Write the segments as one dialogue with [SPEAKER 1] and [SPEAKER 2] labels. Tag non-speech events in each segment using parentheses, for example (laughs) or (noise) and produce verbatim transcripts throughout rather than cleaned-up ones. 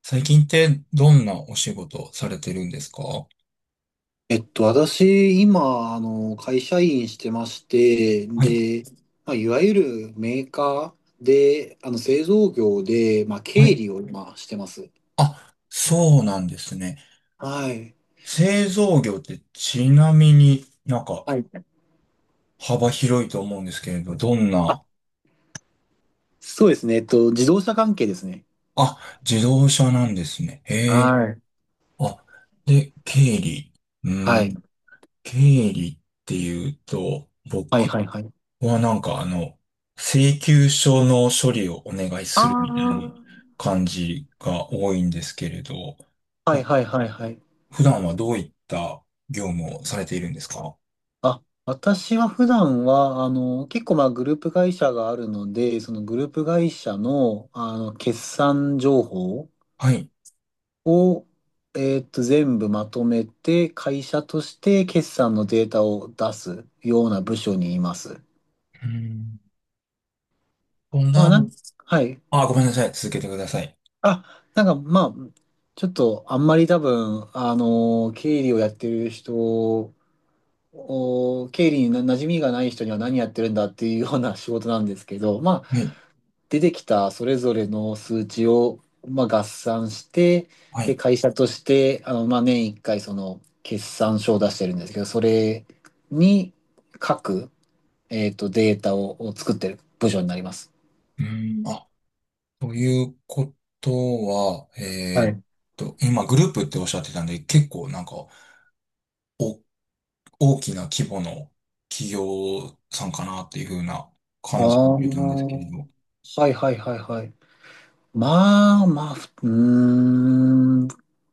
[SPEAKER 1] 最近ってどんなお仕事をされてるんですか？は
[SPEAKER 2] えっと、私、今、あの、会社員してまして、
[SPEAKER 1] い。
[SPEAKER 2] で、まあ、いわゆるメーカーで、あの、製造業で、まあ、経
[SPEAKER 1] はい。
[SPEAKER 2] 理を今してます。
[SPEAKER 1] あ、そうなんですね。
[SPEAKER 2] はい。
[SPEAKER 1] 製造業ってちなみになんか
[SPEAKER 2] はい。
[SPEAKER 1] 幅広いと思うんですけれど、どん
[SPEAKER 2] あ、
[SPEAKER 1] な、
[SPEAKER 2] そうですね。えっと、自動車関係ですね。
[SPEAKER 1] あ、自動車なんですね。へえ。
[SPEAKER 2] はい。
[SPEAKER 1] あ、で、経理。う
[SPEAKER 2] はい。
[SPEAKER 1] ん、経理っていうと、
[SPEAKER 2] はい、
[SPEAKER 1] 僕
[SPEAKER 2] はい、はい。
[SPEAKER 1] はなんかあの、請求書の処理をお願いする
[SPEAKER 2] あ
[SPEAKER 1] みたいな
[SPEAKER 2] あ。
[SPEAKER 1] 感じが多いんですけれど、
[SPEAKER 2] はい、はい、はい、はい。
[SPEAKER 1] 普段はどういった業務をされているんですか？
[SPEAKER 2] あ、私は普段は、あの、結構、まあ、グループ会社があるので、そのグループ会社の、あの、決算情報
[SPEAKER 1] はい。
[SPEAKER 2] を、えーっと、全部まとめて、会社として決算のデータを出すような部署にいます。
[SPEAKER 1] うーん。と
[SPEAKER 2] まあ、
[SPEAKER 1] な
[SPEAKER 2] な
[SPEAKER 1] る。
[SPEAKER 2] ん、はい。
[SPEAKER 1] あ、ごめんなさい。続けてください。
[SPEAKER 2] あ、なんか、まあ、ちょっと、あんまり多分、あのー経理をやってる人を、経理にな馴染みがない人には何やってるんだっていうような仕事なんですけど、ま
[SPEAKER 1] はい。
[SPEAKER 2] 出てきたそれぞれの数値を、まあ、合算して、
[SPEAKER 1] は
[SPEAKER 2] で、
[SPEAKER 1] い。
[SPEAKER 2] 会社として、あの、まあ、年いっかいその決算書を出してるんですけど、それに書く、えっと、データを、を作ってる部署になります。
[SPEAKER 1] うーん。あ、ということは、
[SPEAKER 2] は
[SPEAKER 1] えーっ
[SPEAKER 2] い。
[SPEAKER 1] と、今グループっておっしゃってたんで、結構なんか、お、大きな規模の企業さんかなっていう風な
[SPEAKER 2] あ
[SPEAKER 1] 感じを
[SPEAKER 2] あ、
[SPEAKER 1] 受けたんですけれ
[SPEAKER 2] は
[SPEAKER 1] ど。
[SPEAKER 2] いはいはいはい。まあまあ、ふうーん。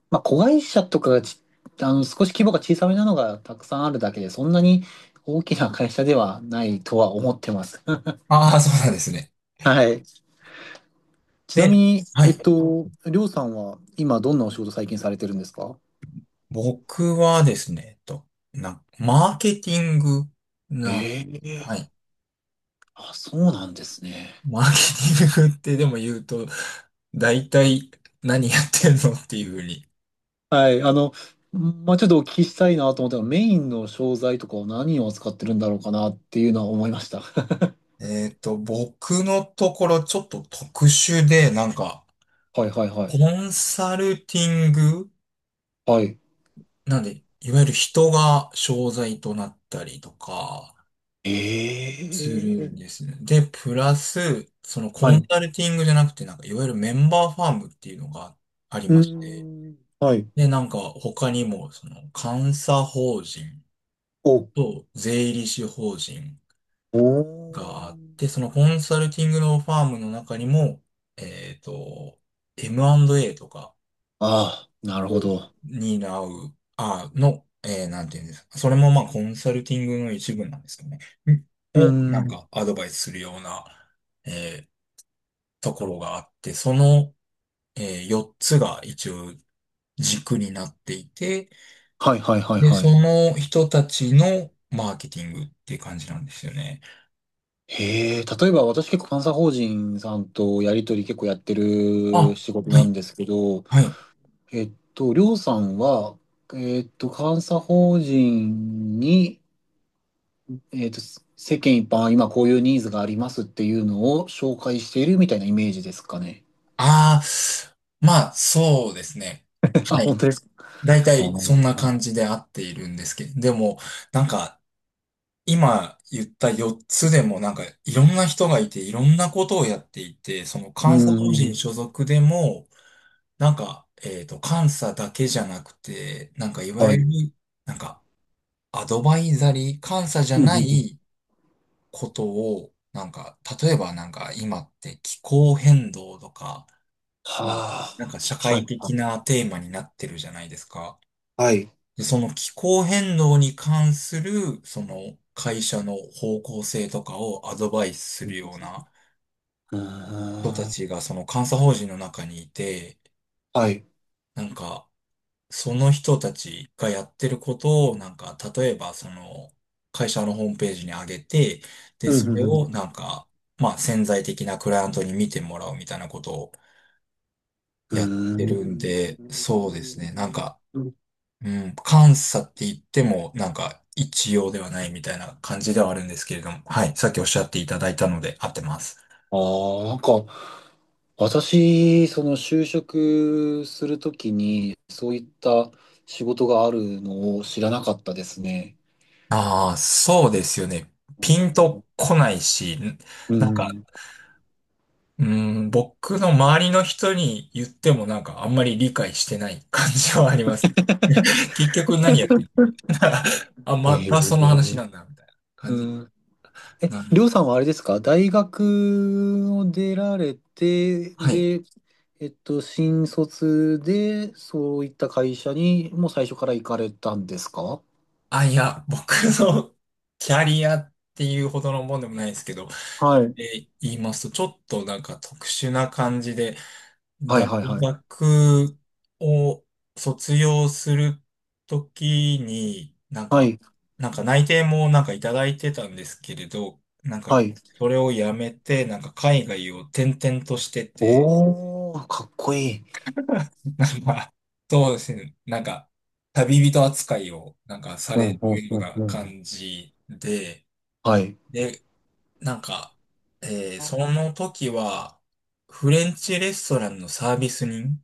[SPEAKER 2] まあ、子会社とかがち、あの、少し規模が小さめなのがたくさんあるだけで、そんなに大きな会社ではないとは思ってます。(laughs)
[SPEAKER 1] ああ、そうなんですね。
[SPEAKER 2] はい。ちなみ
[SPEAKER 1] で、
[SPEAKER 2] に、
[SPEAKER 1] は
[SPEAKER 2] えっ
[SPEAKER 1] い。
[SPEAKER 2] と、りょうさんは今どんなお仕事最近されてるんですか？
[SPEAKER 1] 僕はですね、えっと、な、マーケティングな、
[SPEAKER 2] え
[SPEAKER 1] は
[SPEAKER 2] え、
[SPEAKER 1] い。
[SPEAKER 2] あ、そうなんですね。
[SPEAKER 1] マーケティングってでも言うと、大体何やってんのっていうふうに。
[SPEAKER 2] はい、あの、まあ、ちょっとお聞きしたいなと思ったら、メインの商材とかを何を扱ってるんだろうかなっていうのは思いました。(laughs)
[SPEAKER 1] えっと、僕のところちょっと特殊で、なんか、
[SPEAKER 2] はいはいは
[SPEAKER 1] コ
[SPEAKER 2] い。
[SPEAKER 1] ンサルティング
[SPEAKER 2] はい。
[SPEAKER 1] なんで、いわゆる人が商材となったりとか、す
[SPEAKER 2] え
[SPEAKER 1] るんで
[SPEAKER 2] え、
[SPEAKER 1] すね。で、プラス、そのコ
[SPEAKER 2] は
[SPEAKER 1] ン
[SPEAKER 2] い。
[SPEAKER 1] サルティングじゃなくて、なんか、いわゆるメンバーファームっていうのがあり
[SPEAKER 2] う
[SPEAKER 1] ま
[SPEAKER 2] ー
[SPEAKER 1] して、
[SPEAKER 2] ん。はい。
[SPEAKER 1] で、なんか、他にも、その、監査法人
[SPEAKER 2] お、
[SPEAKER 1] と税理士法人、
[SPEAKER 2] お
[SPEAKER 1] があっ
[SPEAKER 2] ー。
[SPEAKER 1] て、そのコンサルティングのファームの中にも、えっと、エムアンドエー とか
[SPEAKER 2] ああ、なるほ
[SPEAKER 1] を
[SPEAKER 2] ど。
[SPEAKER 1] 担う、あ、の、えーなんていうんですか。それもまあコンサルティングの一部なんですかね。ん
[SPEAKER 2] うー
[SPEAKER 1] を、なん
[SPEAKER 2] ん。
[SPEAKER 1] かアドバイスするような、えーところがあって、その、えーよっつが一応軸になっていて、
[SPEAKER 2] はいはいはい
[SPEAKER 1] で、
[SPEAKER 2] は
[SPEAKER 1] そ
[SPEAKER 2] い。
[SPEAKER 1] の人たちのマーケティングっていう感じなんですよね。
[SPEAKER 2] へえ、例えば私結構監査法人さんとやり取り結構やってる
[SPEAKER 1] あ、
[SPEAKER 2] 仕事
[SPEAKER 1] は
[SPEAKER 2] なん
[SPEAKER 1] い、
[SPEAKER 2] ですけど、
[SPEAKER 1] はい。
[SPEAKER 2] えっと、りょうさんは、えっと、監査法人に、えっと、世間一般、今こういうニーズがありますっていうのを紹介しているみたいなイメージですかね？
[SPEAKER 1] ああ、まあ、そうですね。
[SPEAKER 2] (laughs) あ、
[SPEAKER 1] は
[SPEAKER 2] 本
[SPEAKER 1] い。
[SPEAKER 2] 当ですか？
[SPEAKER 1] 大
[SPEAKER 2] あ
[SPEAKER 1] 体、そんな
[SPEAKER 2] ー、
[SPEAKER 1] 感じで合っているんですけど、でも、なんか、今言ったよっつでも、なんか、いろんな人がいて、いろんなことをやっていて、その
[SPEAKER 2] う
[SPEAKER 1] 監査法人
[SPEAKER 2] ん。
[SPEAKER 1] 所属でも、なんか、えっと、監査だけじゃなくて、なんか、いわ
[SPEAKER 2] は
[SPEAKER 1] ゆる、
[SPEAKER 2] い。
[SPEAKER 1] なんか、アドバイザリー、監査じゃ
[SPEAKER 2] うんうん
[SPEAKER 1] な
[SPEAKER 2] うん、
[SPEAKER 1] いことを、なんか、例えばなんか、今って気候変動とか、うん
[SPEAKER 2] は
[SPEAKER 1] なんか社
[SPEAKER 2] あ。は
[SPEAKER 1] 会
[SPEAKER 2] い。は
[SPEAKER 1] 的
[SPEAKER 2] い。
[SPEAKER 1] なテーマになってるじゃないですか。
[SPEAKER 2] はい。
[SPEAKER 1] でその気候変動に関する、その会社の方向性とかをアドバイスするような
[SPEAKER 2] う
[SPEAKER 1] 人た
[SPEAKER 2] ん。
[SPEAKER 1] ちがその監査法人の中にいて、
[SPEAKER 2] はい。
[SPEAKER 1] なんかその人たちがやってることを、なんか例えばその会社のホームページに上げて、で、それをなんか、まあ潜在的なクライアントに見てもらうみたいなことを
[SPEAKER 2] う
[SPEAKER 1] やっ
[SPEAKER 2] ー
[SPEAKER 1] てるんで、
[SPEAKER 2] ん。
[SPEAKER 1] そうですね。なんかうん、監査って言っても、なんか、一様ではないみたいな感じではあるんですけれども、はい、さっきおっしゃっていただいたので合ってます。
[SPEAKER 2] ああ、なんか、私、その就職するときに、そういった仕事があるのを知らなかったですね。
[SPEAKER 1] ああ、そうですよね。
[SPEAKER 2] う
[SPEAKER 1] ピン
[SPEAKER 2] ん。
[SPEAKER 1] とこないし、
[SPEAKER 2] う
[SPEAKER 1] なんか、
[SPEAKER 2] ん。
[SPEAKER 1] うん、僕の周りの人に言ってもなんかあんまり理解してない感じはありますね。(laughs) 結局何やってる (laughs) あ、
[SPEAKER 2] え
[SPEAKER 1] またその話
[SPEAKER 2] ー、
[SPEAKER 1] なんだ、みたいな
[SPEAKER 2] う
[SPEAKER 1] 感じ。
[SPEAKER 2] ん。
[SPEAKER 1] な
[SPEAKER 2] りょ
[SPEAKER 1] る。
[SPEAKER 2] うさんはあれですか？大学を出られて、
[SPEAKER 1] はい。
[SPEAKER 2] で、えっと、新卒で、そういった会社に、もう最初から行かれたんですか？
[SPEAKER 1] あ、いや、僕の (laughs) キャリアっていうほどのもんでもないですけど、
[SPEAKER 2] はい。
[SPEAKER 1] で言いますと、ちょっとなんか特殊な感じで、
[SPEAKER 2] はい、
[SPEAKER 1] 大
[SPEAKER 2] はい、はい。
[SPEAKER 1] 学を卒業するときに、なん
[SPEAKER 2] は
[SPEAKER 1] か、
[SPEAKER 2] い、
[SPEAKER 1] なんか内定もなんかいただいてたんですけれど、なんか、
[SPEAKER 2] はい。
[SPEAKER 1] それをやめて、なんか海外を転々としてて、
[SPEAKER 2] おー、かっこいい。
[SPEAKER 1] なんか、そうですね、なんか、旅人扱いをなんかさ
[SPEAKER 2] う
[SPEAKER 1] れ
[SPEAKER 2] ん、うん、
[SPEAKER 1] るよう
[SPEAKER 2] うん、
[SPEAKER 1] な
[SPEAKER 2] うん。
[SPEAKER 1] 感じで、
[SPEAKER 2] はい。
[SPEAKER 1] で、なんか、えーその時は、フレンチレストランのサービス人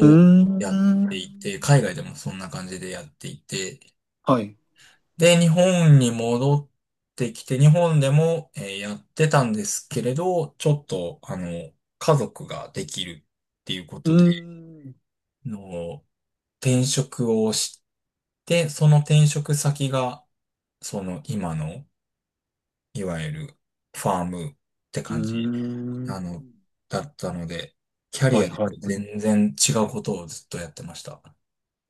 [SPEAKER 2] うー
[SPEAKER 1] やっていて、
[SPEAKER 2] ん。
[SPEAKER 1] 海外でもそんな感じでやっていて、
[SPEAKER 2] はい。
[SPEAKER 1] で、日本に戻ってきて、日本でも、えーやってたんですけれど、ちょっと、あの、家族ができるっていうこ
[SPEAKER 2] う
[SPEAKER 1] とで、
[SPEAKER 2] ーん。
[SPEAKER 1] の、転職をして、その転職先が、その今の、いわゆるファームって
[SPEAKER 2] うー
[SPEAKER 1] 感じあの、
[SPEAKER 2] ん。
[SPEAKER 1] だったので、キャリ
[SPEAKER 2] はい、
[SPEAKER 1] アで
[SPEAKER 2] はい。
[SPEAKER 1] 全然違うことをずっとやってました。(laughs)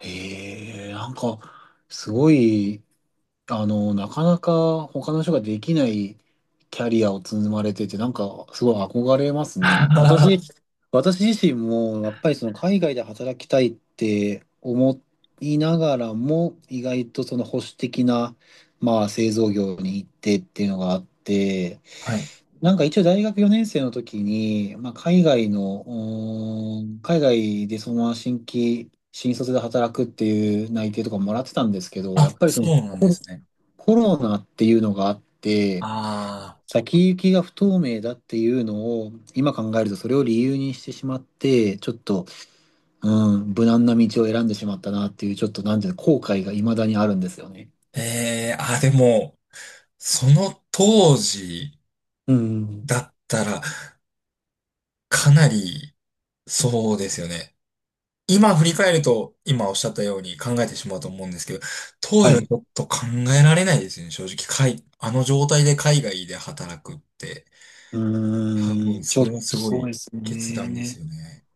[SPEAKER 2] へえ、なんか、すごい、あの、なかなか他の人ができないキャリアを積まれてて、なんかすごい憧れますね。
[SPEAKER 1] は
[SPEAKER 2] 私、私自身もやっぱりその海外で働きたいって思いながらも、意外とその保守的な、まあ、製造業に行ってっていうのがあって、
[SPEAKER 1] い。
[SPEAKER 2] なんか一応大学よねん生の時に、まあ、海外の、うーん、海外でそのまま新規、新卒で働くっていう内定とかもらってたんですけど、や
[SPEAKER 1] あ、
[SPEAKER 2] っぱりそ
[SPEAKER 1] そ
[SPEAKER 2] の、
[SPEAKER 1] うなんですね。
[SPEAKER 2] コロナっていうのがあって、
[SPEAKER 1] ああ、
[SPEAKER 2] 先行きが不透明だっていうのを、今考えるとそれを理由にしてしまって、ちょっと、うん、無難な道を選んでしまったなっていう、ちょっとなんていうの後悔が未だにあるんですよね。
[SPEAKER 1] ええあ、でも、その当時
[SPEAKER 2] うん。
[SPEAKER 1] だったら、かなり、そうですよね。今振り返ると、今おっしゃったように考えてしまうと思うんですけど、当
[SPEAKER 2] は
[SPEAKER 1] 時はち
[SPEAKER 2] い。
[SPEAKER 1] ょっと考えられないですよね。正直、海あの状態で海外で働くって、
[SPEAKER 2] う
[SPEAKER 1] 多
[SPEAKER 2] ー
[SPEAKER 1] 分、
[SPEAKER 2] ん、ち
[SPEAKER 1] そ
[SPEAKER 2] ょっ
[SPEAKER 1] れはす
[SPEAKER 2] と
[SPEAKER 1] ご
[SPEAKER 2] そう
[SPEAKER 1] い
[SPEAKER 2] です
[SPEAKER 1] 決断です
[SPEAKER 2] ね。
[SPEAKER 1] よね。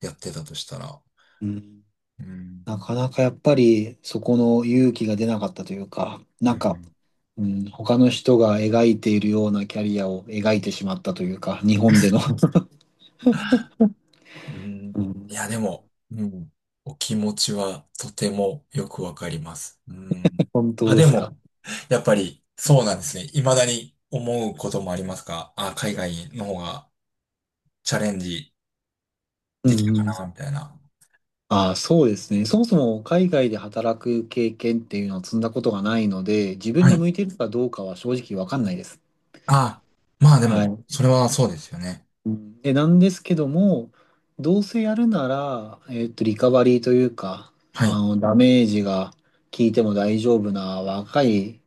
[SPEAKER 1] やってたとしたら。
[SPEAKER 2] うん。
[SPEAKER 1] うん。
[SPEAKER 2] なかなかやっぱりそこの勇気が出なかったというか、
[SPEAKER 1] う
[SPEAKER 2] なんか、
[SPEAKER 1] ん。
[SPEAKER 2] うん、他の人が描いているようなキャリアを描いてしまったというか、日本での。(laughs)
[SPEAKER 1] うん。
[SPEAKER 2] うん。
[SPEAKER 1] いや、でも、うん。お気持ちはとてもよくわかります。うん。
[SPEAKER 2] (laughs) 本当
[SPEAKER 1] あ、
[SPEAKER 2] で
[SPEAKER 1] で
[SPEAKER 2] すか？
[SPEAKER 1] も、やっぱりそうなんですね。未だに思うこともありますか？あ、海外の方がチャレンジ
[SPEAKER 2] う
[SPEAKER 1] できたか
[SPEAKER 2] んう
[SPEAKER 1] な、
[SPEAKER 2] ん。
[SPEAKER 1] みたいな。
[SPEAKER 2] ああ、そうですね。そもそも海外で働く経験っていうのを積んだことがないので、自分
[SPEAKER 1] は
[SPEAKER 2] に
[SPEAKER 1] い。
[SPEAKER 2] 向いてるかどうかは正直わかんないです。
[SPEAKER 1] あ、まあで
[SPEAKER 2] は
[SPEAKER 1] も、
[SPEAKER 2] い。
[SPEAKER 1] それはそうですよね。
[SPEAKER 2] うん、で、なんですけども、どうせやるなら、えっと、リカバリーというか、
[SPEAKER 1] はい。
[SPEAKER 2] あの、ダメージが効いても大丈夫な若い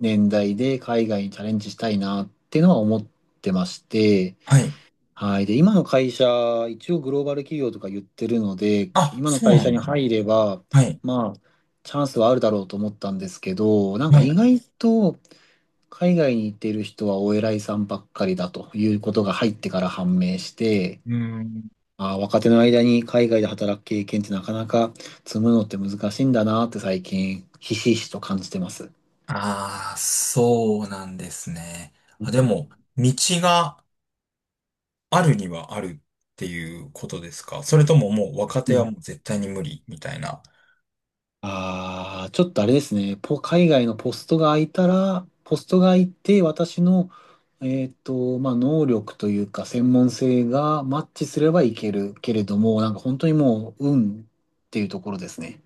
[SPEAKER 2] 年代で海外にチャレンジしたいなっていうのは思ってまして、
[SPEAKER 1] はい。
[SPEAKER 2] はい。で、今の会社、一応グローバル企業とか言ってるので、
[SPEAKER 1] あ、
[SPEAKER 2] 今の
[SPEAKER 1] そう
[SPEAKER 2] 会
[SPEAKER 1] な
[SPEAKER 2] 社
[SPEAKER 1] ん
[SPEAKER 2] に
[SPEAKER 1] ですね。
[SPEAKER 2] 入れば、
[SPEAKER 1] はい。
[SPEAKER 2] まあ、チャンスはあるだろうと思ったんですけど、なんか
[SPEAKER 1] は
[SPEAKER 2] 意
[SPEAKER 1] い。
[SPEAKER 2] 外と海外に行っている人はお偉いさんばっかりだということが入ってから判明して、
[SPEAKER 1] うーん。
[SPEAKER 2] ああ、若手の間に海外で働く経験ってなかなか積むのって難しいんだなって最近、ひしひしと感じてます。
[SPEAKER 1] ああ、そうなんですね。
[SPEAKER 2] う
[SPEAKER 1] あ、で
[SPEAKER 2] ん、
[SPEAKER 1] も、道があるにはあるっていうことですか？それとももう若手はもう絶対に無理みたいな。
[SPEAKER 2] ああ、ちょっとあれですね。ポ、海外のポストが空いたら、ポストが空いて、私の、えっと、まあ、能力というか、専門性がマッチすればいけるけれども、なんか本当にもう、運っていうところですね。